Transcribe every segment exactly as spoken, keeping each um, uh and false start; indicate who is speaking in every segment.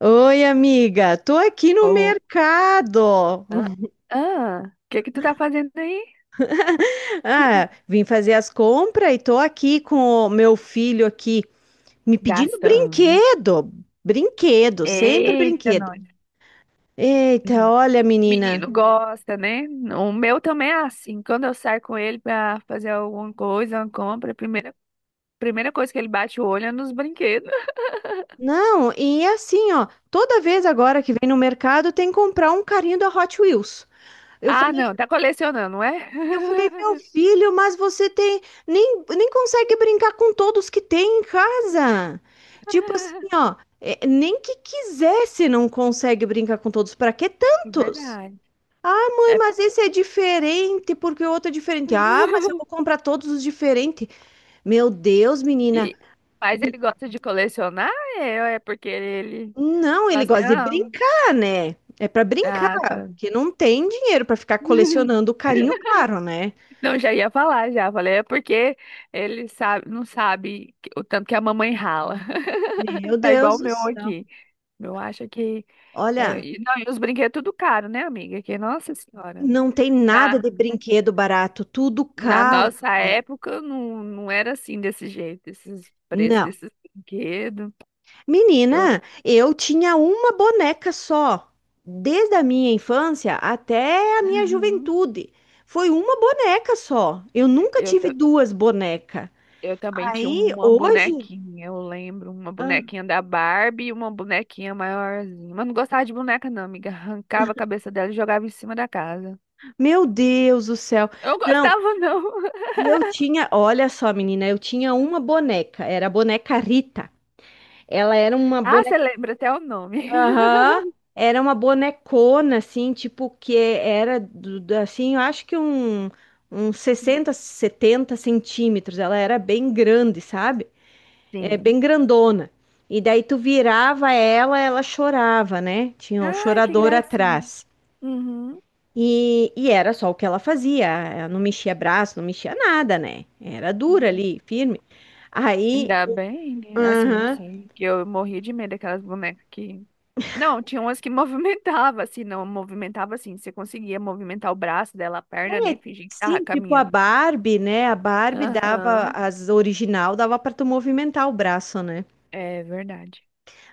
Speaker 1: Oi, amiga, tô aqui no
Speaker 2: Oh,
Speaker 1: mercado.
Speaker 2: ah, ah, o que que tu tá fazendo aí?
Speaker 1: Ah, vim fazer as compras e tô aqui com o meu filho aqui me pedindo
Speaker 2: Gastando, hein?
Speaker 1: brinquedo, brinquedo, sempre
Speaker 2: Eita,
Speaker 1: brinquedo.
Speaker 2: nós.
Speaker 1: Eita, olha, menina.
Speaker 2: Menino gosta, né? O meu também é assim. Quando eu saio com ele pra fazer alguma coisa, uma compra, a primeira, primeira coisa que ele bate o olho é nos brinquedos.
Speaker 1: Não, e é assim, ó, toda vez agora que vem no mercado tem que comprar um carrinho da Hot Wheels. Eu
Speaker 2: Ah, não, tá colecionando, não é?
Speaker 1: E Eu falei, meu filho, mas você tem nem, nem consegue brincar com todos que tem em casa. Tipo assim, ó, é, nem que quisesse não consegue brincar com todos. Pra que tantos?
Speaker 2: Verdade.
Speaker 1: Ah, mãe,
Speaker 2: É.
Speaker 1: mas esse é diferente porque o outro é diferente. Ah, mas eu vou comprar todos os diferentes. Meu Deus, menina.
Speaker 2: E, mas ele gosta de colecionar? É, é porque ele, ele
Speaker 1: Não,
Speaker 2: fala
Speaker 1: ele
Speaker 2: assim,
Speaker 1: gosta de
Speaker 2: ah,
Speaker 1: brincar, né? É pra brincar,
Speaker 2: ah, tá.
Speaker 1: que não tem dinheiro pra ficar colecionando carinho caro, né?
Speaker 2: Não, já ia falar, já falei, é porque ele sabe, não sabe que- o tanto que a mamãe rala.
Speaker 1: Meu
Speaker 2: Tá igual
Speaker 1: Deus
Speaker 2: o
Speaker 1: do
Speaker 2: meu
Speaker 1: céu.
Speaker 2: aqui. Eu acho que. É,
Speaker 1: Olha.
Speaker 2: e- não, e os brinquedos tudo caro, né, amiga? Que, nossa senhora.
Speaker 1: Não tem nada
Speaker 2: Na,
Speaker 1: de brinquedo barato, tudo
Speaker 2: na
Speaker 1: caro.
Speaker 2: nossa época não, não era assim desse jeito, esses preços
Speaker 1: Não.
Speaker 2: desses brinquedos. Eu,
Speaker 1: Menina, eu tinha uma boneca só, desde a minha infância até a minha
Speaker 2: Aham.
Speaker 1: juventude. Foi uma boneca só. Eu nunca
Speaker 2: Eu
Speaker 1: tive duas bonecas.
Speaker 2: Eu também tinha
Speaker 1: Aí,
Speaker 2: uma
Speaker 1: hoje,
Speaker 2: bonequinha, eu lembro, uma
Speaker 1: ah,
Speaker 2: bonequinha da Barbie e uma bonequinha maiorzinha. Mas não gostava de boneca, não, amiga. Arrancava a cabeça dela e jogava em cima da casa.
Speaker 1: meu Deus do céu.
Speaker 2: Eu
Speaker 1: Não,
Speaker 2: gostava, não.
Speaker 1: eu tinha, olha só, menina, eu tinha uma boneca, era a boneca Rita. Ela era uma
Speaker 2: Ah, você
Speaker 1: boneca.
Speaker 2: lembra até o nome.
Speaker 1: Aham. Era uma bonecona, assim, tipo, que era, do- do- assim, eu acho que um, uns sessenta, setenta centímetros. Ela era bem grande, sabe? É,
Speaker 2: Sim.
Speaker 1: bem grandona. E daí tu virava ela, ela chorava, né? Tinha o
Speaker 2: Ai, que
Speaker 1: chorador
Speaker 2: gracinha.
Speaker 1: atrás.
Speaker 2: Uhum.
Speaker 1: E, e era só o que ela fazia. Ela não mexia braço, não mexia nada, né? Era dura
Speaker 2: Não.
Speaker 1: ali, firme. Aí,
Speaker 2: Ainda bem, né? Assim, não
Speaker 1: aham.
Speaker 2: sei, que eu morria de medo daquelas bonecas que... Não, tinha umas que movimentava, assim, não, movimentava assim, você conseguia movimentar o braço dela, a perna,
Speaker 1: É,
Speaker 2: né, fingir que tava
Speaker 1: sim, tipo a
Speaker 2: caminhando.
Speaker 1: Barbie, né? A Barbie dava,
Speaker 2: Aham,
Speaker 1: as original dava pra tu movimentar o braço, né?
Speaker 2: é verdade.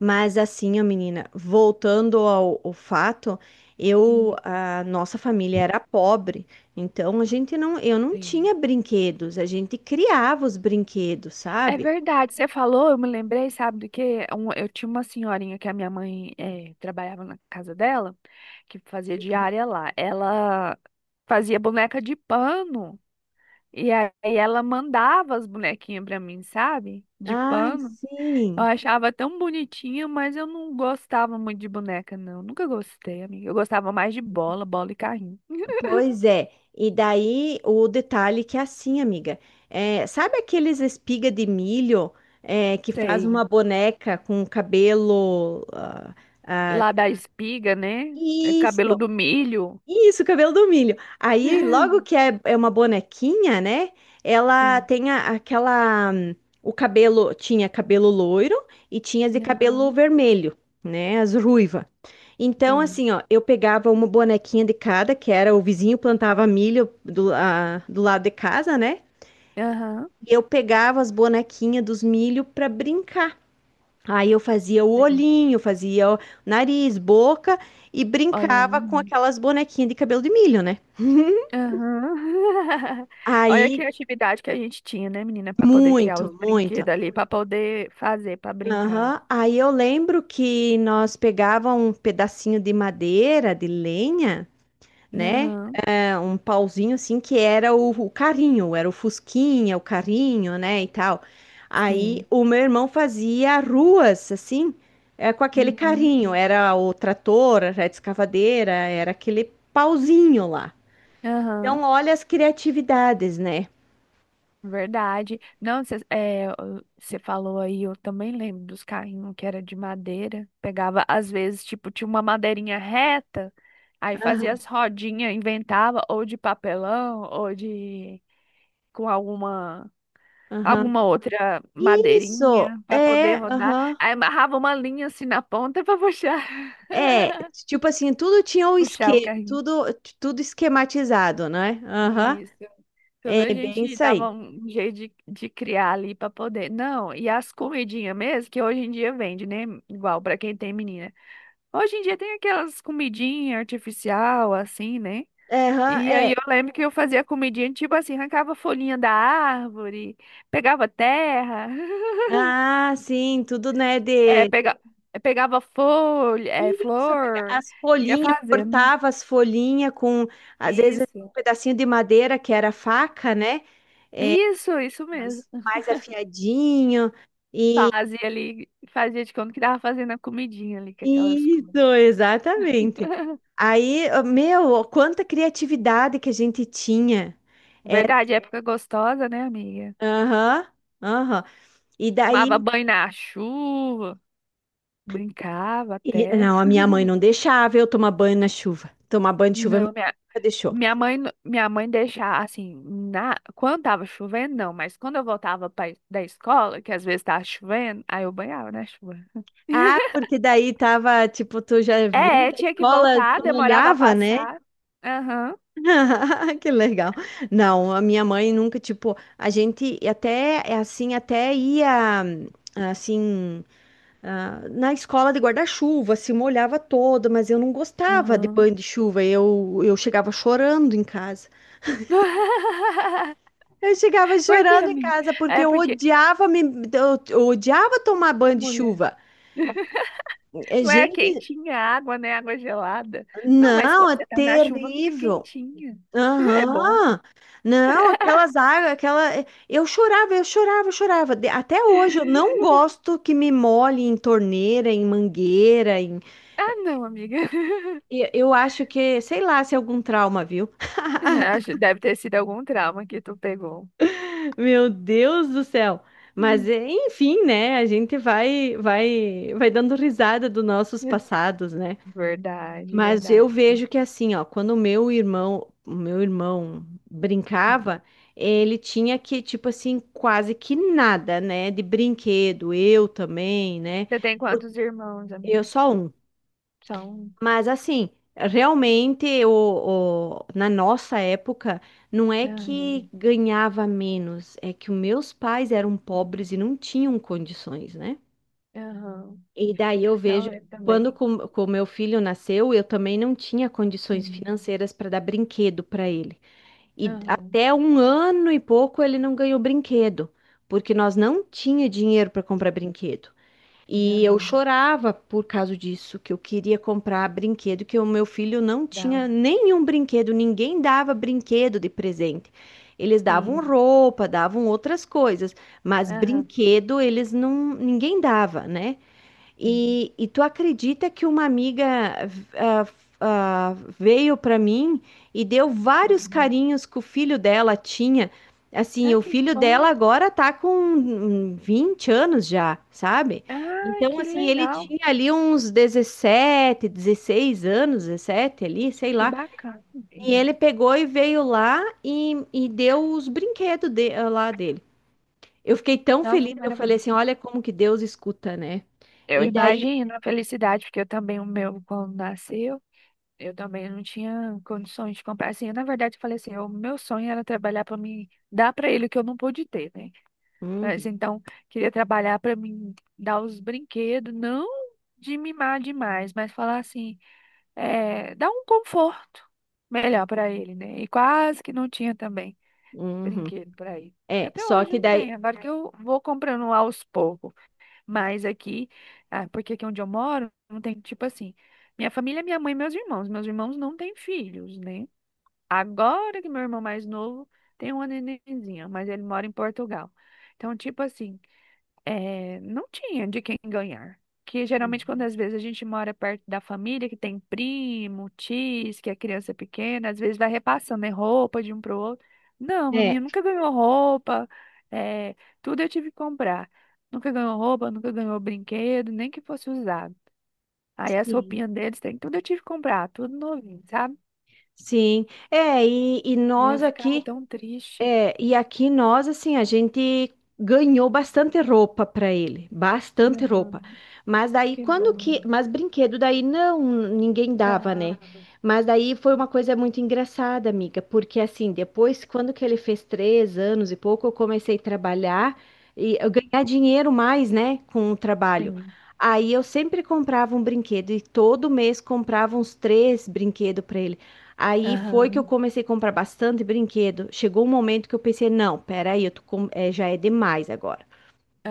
Speaker 1: Mas assim, ó, menina, voltando ao, ao fato, eu,
Speaker 2: Hum.
Speaker 1: a nossa família era pobre, então a gente não, eu não
Speaker 2: Sim.
Speaker 1: tinha brinquedos, a gente criava os brinquedos,
Speaker 2: É
Speaker 1: sabe?
Speaker 2: verdade, você falou, eu me lembrei, sabe do quê? Um- eu tinha uma senhorinha que a minha mãe eh, trabalhava na casa dela, que fazia diária lá. Ela fazia boneca de pano e aí ela mandava as bonequinhas pra mim, sabe? De
Speaker 1: Ai,
Speaker 2: pano. Eu
Speaker 1: sim.
Speaker 2: achava tão bonitinha, mas eu não gostava muito de boneca, não. Nunca gostei, amiga. Eu gostava mais de bola, bola e carrinho.
Speaker 1: Pois é, e daí o detalhe que é assim, amiga, é, sabe aqueles espiga de milho é, que faz
Speaker 2: Sei.
Speaker 1: uma boneca com cabelo? ah, ah,
Speaker 2: Lá da espiga, né? É cabelo
Speaker 1: isso,
Speaker 2: do milho.
Speaker 1: isso, cabelo do milho. Aí, logo que é, é uma bonequinha, né? Ela
Speaker 2: Sim.
Speaker 1: tem a- aquela. hum, O cabelo tinha cabelo loiro e tinha de cabelo
Speaker 2: Aham.
Speaker 1: vermelho, né? As ruiva. Então,
Speaker 2: Sim.
Speaker 1: assim, ó, eu pegava uma bonequinha de cada, que era o vizinho plantava milho do, a- do lado de casa, né?
Speaker 2: Aham.
Speaker 1: E eu pegava as bonequinhas dos milho pra brincar. Aí eu fazia o
Speaker 2: Aí.
Speaker 1: olhinho, fazia o nariz, boca e
Speaker 2: Olha aí,
Speaker 1: brincava com
Speaker 2: menina.
Speaker 1: aquelas bonequinhas de cabelo de milho, né?
Speaker 2: Aham. Olha a
Speaker 1: Aí
Speaker 2: criatividade que a gente tinha, né, menina, para poder criar
Speaker 1: muito,
Speaker 2: os
Speaker 1: muito.
Speaker 2: brinquedos ali, para poder fazer, para brincar.
Speaker 1: Aham. Aí eu lembro que nós pegava um pedacinho de madeira, de lenha, né?
Speaker 2: Aham.
Speaker 1: É, um pauzinho assim que era o, o carrinho, era o fusquinha, o carrinho, né, e tal. Aí
Speaker 2: Sim.
Speaker 1: o meu irmão fazia ruas assim, é, com aquele
Speaker 2: Uhum.
Speaker 1: carrinho, era o trator, era a escavadeira, era aquele pauzinho lá.
Speaker 2: Aham.
Speaker 1: Então, olha as criatividades, né?
Speaker 2: Verdade. Não, você é, você falou aí, eu também lembro dos carrinhos que era de madeira. Pegava, às vezes, tipo, tinha uma madeirinha reta. Aí fazia
Speaker 1: Aham,
Speaker 2: as rodinhas, inventava ou de papelão ou de com alguma
Speaker 1: aham.
Speaker 2: alguma outra
Speaker 1: Isso,
Speaker 2: madeirinha para poder
Speaker 1: é,
Speaker 2: rodar.
Speaker 1: aham.
Speaker 2: Aí amarrava uma linha assim na ponta para puxar,
Speaker 1: É, tipo assim, tudo tinha um
Speaker 2: puxar o
Speaker 1: esquema,
Speaker 2: carrinho.
Speaker 1: tudo, tudo esquematizado, né? Aham,
Speaker 2: Isso. Tudo a
Speaker 1: é bem
Speaker 2: gente
Speaker 1: isso
Speaker 2: dava
Speaker 1: aí.
Speaker 2: um jeito de, de criar ali para poder. Não, e as comidinhas mesmo, que hoje em dia vende, né? Igual para quem tem menina. Hoje em dia tem aquelas comidinhas artificial assim, né?
Speaker 1: Aham,
Speaker 2: E aí
Speaker 1: é.
Speaker 2: eu lembro que eu fazia comidinha, tipo assim, arrancava folhinha da árvore, pegava terra,
Speaker 1: Ah, sim, tudo, né,
Speaker 2: é,
Speaker 1: de.
Speaker 2: pega, é, pegava folha, é,
Speaker 1: Isso, pega
Speaker 2: flor,
Speaker 1: as
Speaker 2: ia
Speaker 1: folhinhas,
Speaker 2: fazendo.
Speaker 1: cortava as folhinhas com, às vezes, um
Speaker 2: Isso,
Speaker 1: pedacinho de madeira que era faca, né?
Speaker 2: isso, isso mesmo.
Speaker 1: Mas mais afiadinho. E
Speaker 2: Fazia ali, fazia de conta que tava fazendo a comidinha ali com aquelas coisas.
Speaker 1: isso, exatamente. Aí, meu, quanta criatividade que a gente tinha.
Speaker 2: Verdade, época gostosa, né, amiga?
Speaker 1: Aham, aham. E daí.
Speaker 2: Tomava banho na chuva, brincava
Speaker 1: E-
Speaker 2: até.
Speaker 1: não, a minha mãe não deixava eu tomar banho na chuva. Tomar banho de chuva, minha
Speaker 2: Não, minha
Speaker 1: mãe nunca deixou.
Speaker 2: Minha mãe, n- minha mãe deixava assim, na, quando tava chovendo, não, mas quando eu voltava pra, da escola, que às vezes tava chovendo, aí eu banhava na chuva.
Speaker 1: Ah, porque daí tava, tipo, tu já vinha
Speaker 2: É,
Speaker 1: da
Speaker 2: tinha que
Speaker 1: escola,
Speaker 2: voltar,
Speaker 1: tu
Speaker 2: demorava a
Speaker 1: molhava, né?
Speaker 2: passar. Aham.
Speaker 1: Que legal. Não, a minha mãe nunca, tipo, a gente até, é assim, até ia, assim, ah, na escola de guarda-chuva, se molhava toda, mas eu não gostava de
Speaker 2: Aham.
Speaker 1: banho de chuva, eu, eu chegava chorando em casa. Eu chegava
Speaker 2: Por quê,
Speaker 1: chorando em
Speaker 2: amiga?
Speaker 1: casa porque
Speaker 2: É
Speaker 1: eu
Speaker 2: porque,
Speaker 1: odiava me, eu, eu odiava tomar banho de
Speaker 2: mulher,
Speaker 1: chuva. É,
Speaker 2: não é
Speaker 1: gente,
Speaker 2: quentinha a água, né? Água gelada. Não, mas
Speaker 1: não,
Speaker 2: quando
Speaker 1: é
Speaker 2: você tá na chuva, fica
Speaker 1: terrível.
Speaker 2: quentinha. É bom.
Speaker 1: Aham. Não, aquelas águas, aquela. é, Eu chorava, eu chorava, eu chorava. De- Até hoje eu não gosto que me molhe em torneira, em mangueira, em.
Speaker 2: Ah, não, amiga.
Speaker 1: e- Eu acho que, sei lá, se é algum trauma, viu?
Speaker 2: Acho- Deve ter sido algum trauma que tu pegou.
Speaker 1: Meu Deus do céu. Mas é, enfim, né? A gente vai, vai, vai dando risada dos nossos passados, né?
Speaker 2: Verdade,
Speaker 1: Mas eu
Speaker 2: verdade.
Speaker 1: vejo que assim, ó, quando o meu irmão, o meu irmão brincava, ele tinha que, tipo assim, quase que nada, né, de brinquedo, eu também, né?
Speaker 2: Você tem quantos irmãos,
Speaker 1: Eu
Speaker 2: amiga?
Speaker 1: só um.
Speaker 2: Só um.
Speaker 1: Mas assim, realmente o, o- na nossa época, não é que
Speaker 2: Aham,
Speaker 1: ganhava menos, é que os meus pais eram pobres e não tinham condições, né?
Speaker 2: aham.
Speaker 1: E daí eu vejo,
Speaker 2: Não, eu
Speaker 1: quando
Speaker 2: também.
Speaker 1: com, com meu filho nasceu, eu também não tinha condições
Speaker 2: Sim.
Speaker 1: financeiras para dar brinquedo para ele. E
Speaker 2: Aham,
Speaker 1: até um ano e pouco ele não ganhou brinquedo, porque nós não tinha dinheiro para comprar brinquedo. E eu
Speaker 2: aham.
Speaker 1: chorava por causa disso, que eu queria comprar brinquedo, que o meu filho não
Speaker 2: Dá.
Speaker 1: tinha
Speaker 2: Um
Speaker 1: nenhum brinquedo, ninguém dava brinquedo de presente. Eles davam
Speaker 2: Sim.
Speaker 1: roupa, davam outras coisas, mas
Speaker 2: Aham,
Speaker 1: brinquedo eles não, ninguém dava, né?
Speaker 2: sim.
Speaker 1: E, e tu acredita que uma amiga ah, ah, veio para mim e deu vários
Speaker 2: Aham.
Speaker 1: carinhos que o filho dela tinha? Assim,
Speaker 2: Ah,
Speaker 1: o
Speaker 2: que
Speaker 1: filho dela
Speaker 2: bom.
Speaker 1: agora tá com hum, vinte anos já, sabe?
Speaker 2: Ai,
Speaker 1: Então,
Speaker 2: que
Speaker 1: assim, ele
Speaker 2: legal.
Speaker 1: tinha ali uns dezessete, dezesseis anos, dezessete ali, sei
Speaker 2: Que
Speaker 1: lá.
Speaker 2: bacana,
Speaker 1: E
Speaker 2: amiga.
Speaker 1: ele pegou e veio lá e, e deu os brinquedos de- lá dele. Eu fiquei tão
Speaker 2: Nossa, que
Speaker 1: feliz, eu
Speaker 2: maravilha.
Speaker 1: falei assim, olha como que Deus escuta, né?
Speaker 2: Eu
Speaker 1: E daí.
Speaker 2: imagino a felicidade, porque eu também, o meu, quando nasceu. Eu também não tinha condições de comprar. Assim, eu, na verdade, eu falei assim, o meu sonho era trabalhar para mim, dar para ele o que eu não pude ter, né? Mas
Speaker 1: Uhum,
Speaker 2: então, queria trabalhar para mim dar os brinquedos, não de mimar demais, mas falar assim, é, dar um conforto melhor para ele, né? E quase que não tinha também
Speaker 1: uhum.
Speaker 2: brinquedo para ele. E
Speaker 1: É,
Speaker 2: até
Speaker 1: só
Speaker 2: hoje
Speaker 1: que
Speaker 2: não
Speaker 1: daí.
Speaker 2: tem. Agora que eu vou comprando aos poucos. Mas aqui, ah, porque aqui onde eu moro, não tem, tipo assim, minha família, é minha mãe e meus irmãos. Meus irmãos não têm filhos, né? Agora que meu irmão mais novo tem uma nenenzinha, mas ele mora em Portugal. Então, tipo assim, é, não tinha de quem ganhar. Que geralmente, quando às vezes a gente mora perto da família, que tem primo, tios, que a criança é pequena, às vezes vai repassando, né, roupa de um pro outro. Não, meu
Speaker 1: É,
Speaker 2: menino nunca ganhou roupa, é, tudo eu tive que comprar. Nunca ganhou roupa, nunca ganhou brinquedo, nem que fosse usado. Aí as
Speaker 1: sim,
Speaker 2: roupinhas deles, tem, tudo eu tive que comprar, tudo novinho, sabe?
Speaker 1: sim. É, e, e
Speaker 2: E eu
Speaker 1: nós
Speaker 2: ficava
Speaker 1: aqui.
Speaker 2: tão triste.
Speaker 1: É, e aqui nós, assim, a gente ganhou bastante roupa para ele, bastante
Speaker 2: Aham,
Speaker 1: roupa. Mas daí,
Speaker 2: que
Speaker 1: quando que.
Speaker 2: bom.
Speaker 1: Mas brinquedo, daí não, ninguém dava, né?
Speaker 2: Aham,
Speaker 1: Mas daí foi uma coisa muito engraçada, amiga, porque assim, depois, quando que ele fez três anos e pouco, eu comecei a trabalhar e eu ganhar dinheiro mais, né, com o trabalho.
Speaker 2: sim.
Speaker 1: Aí eu sempre comprava um brinquedo e todo mês comprava uns três brinquedos para ele. Aí foi que eu
Speaker 2: Aham.
Speaker 1: comecei a comprar bastante brinquedo. Chegou um momento que eu pensei, não, peraí, eu tô com- é, já é demais agora,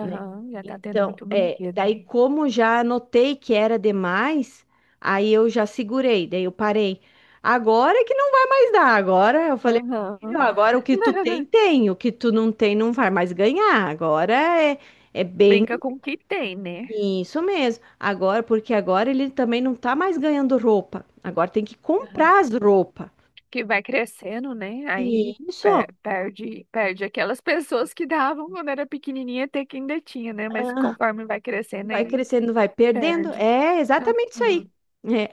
Speaker 1: né?
Speaker 2: já tá tendo
Speaker 1: Então,
Speaker 2: muito
Speaker 1: é,
Speaker 2: brinquedo,
Speaker 1: daí
Speaker 2: né?
Speaker 1: como já notei que era demais, aí eu já segurei, daí eu parei. Agora é que não vai mais dar, agora eu falei, filho,
Speaker 2: Aham.
Speaker 1: agora o que tu tem, tem, o que tu não tem, não vai mais ganhar. Agora é, é bem
Speaker 2: Brinca com o que tem, né?
Speaker 1: isso mesmo. Agora, porque agora ele também não tá mais ganhando roupa. Agora tem que
Speaker 2: Aham.
Speaker 1: comprar as roupas.
Speaker 2: Que vai crescendo, né?
Speaker 1: E
Speaker 2: Aí
Speaker 1: isso,
Speaker 2: pe- perde, perde aquelas pessoas que davam quando era pequenininha, até que ainda tinha, né? Mas
Speaker 1: ah,
Speaker 2: conforme vai crescendo,
Speaker 1: vai
Speaker 2: aí
Speaker 1: crescendo, vai perdendo.
Speaker 2: perde.
Speaker 1: É exatamente isso aí.
Speaker 2: Aham.
Speaker 1: É.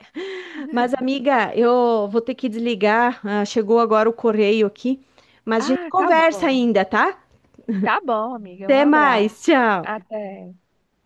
Speaker 1: Mas, amiga, eu vou ter que desligar. Ah, chegou agora o correio aqui. Mas a gente
Speaker 2: Ah, tá
Speaker 1: conversa
Speaker 2: bom.
Speaker 1: ainda, tá?
Speaker 2: Tá bom, amiga. Um
Speaker 1: Até mais,
Speaker 2: abraço.
Speaker 1: tchau.
Speaker 2: Até.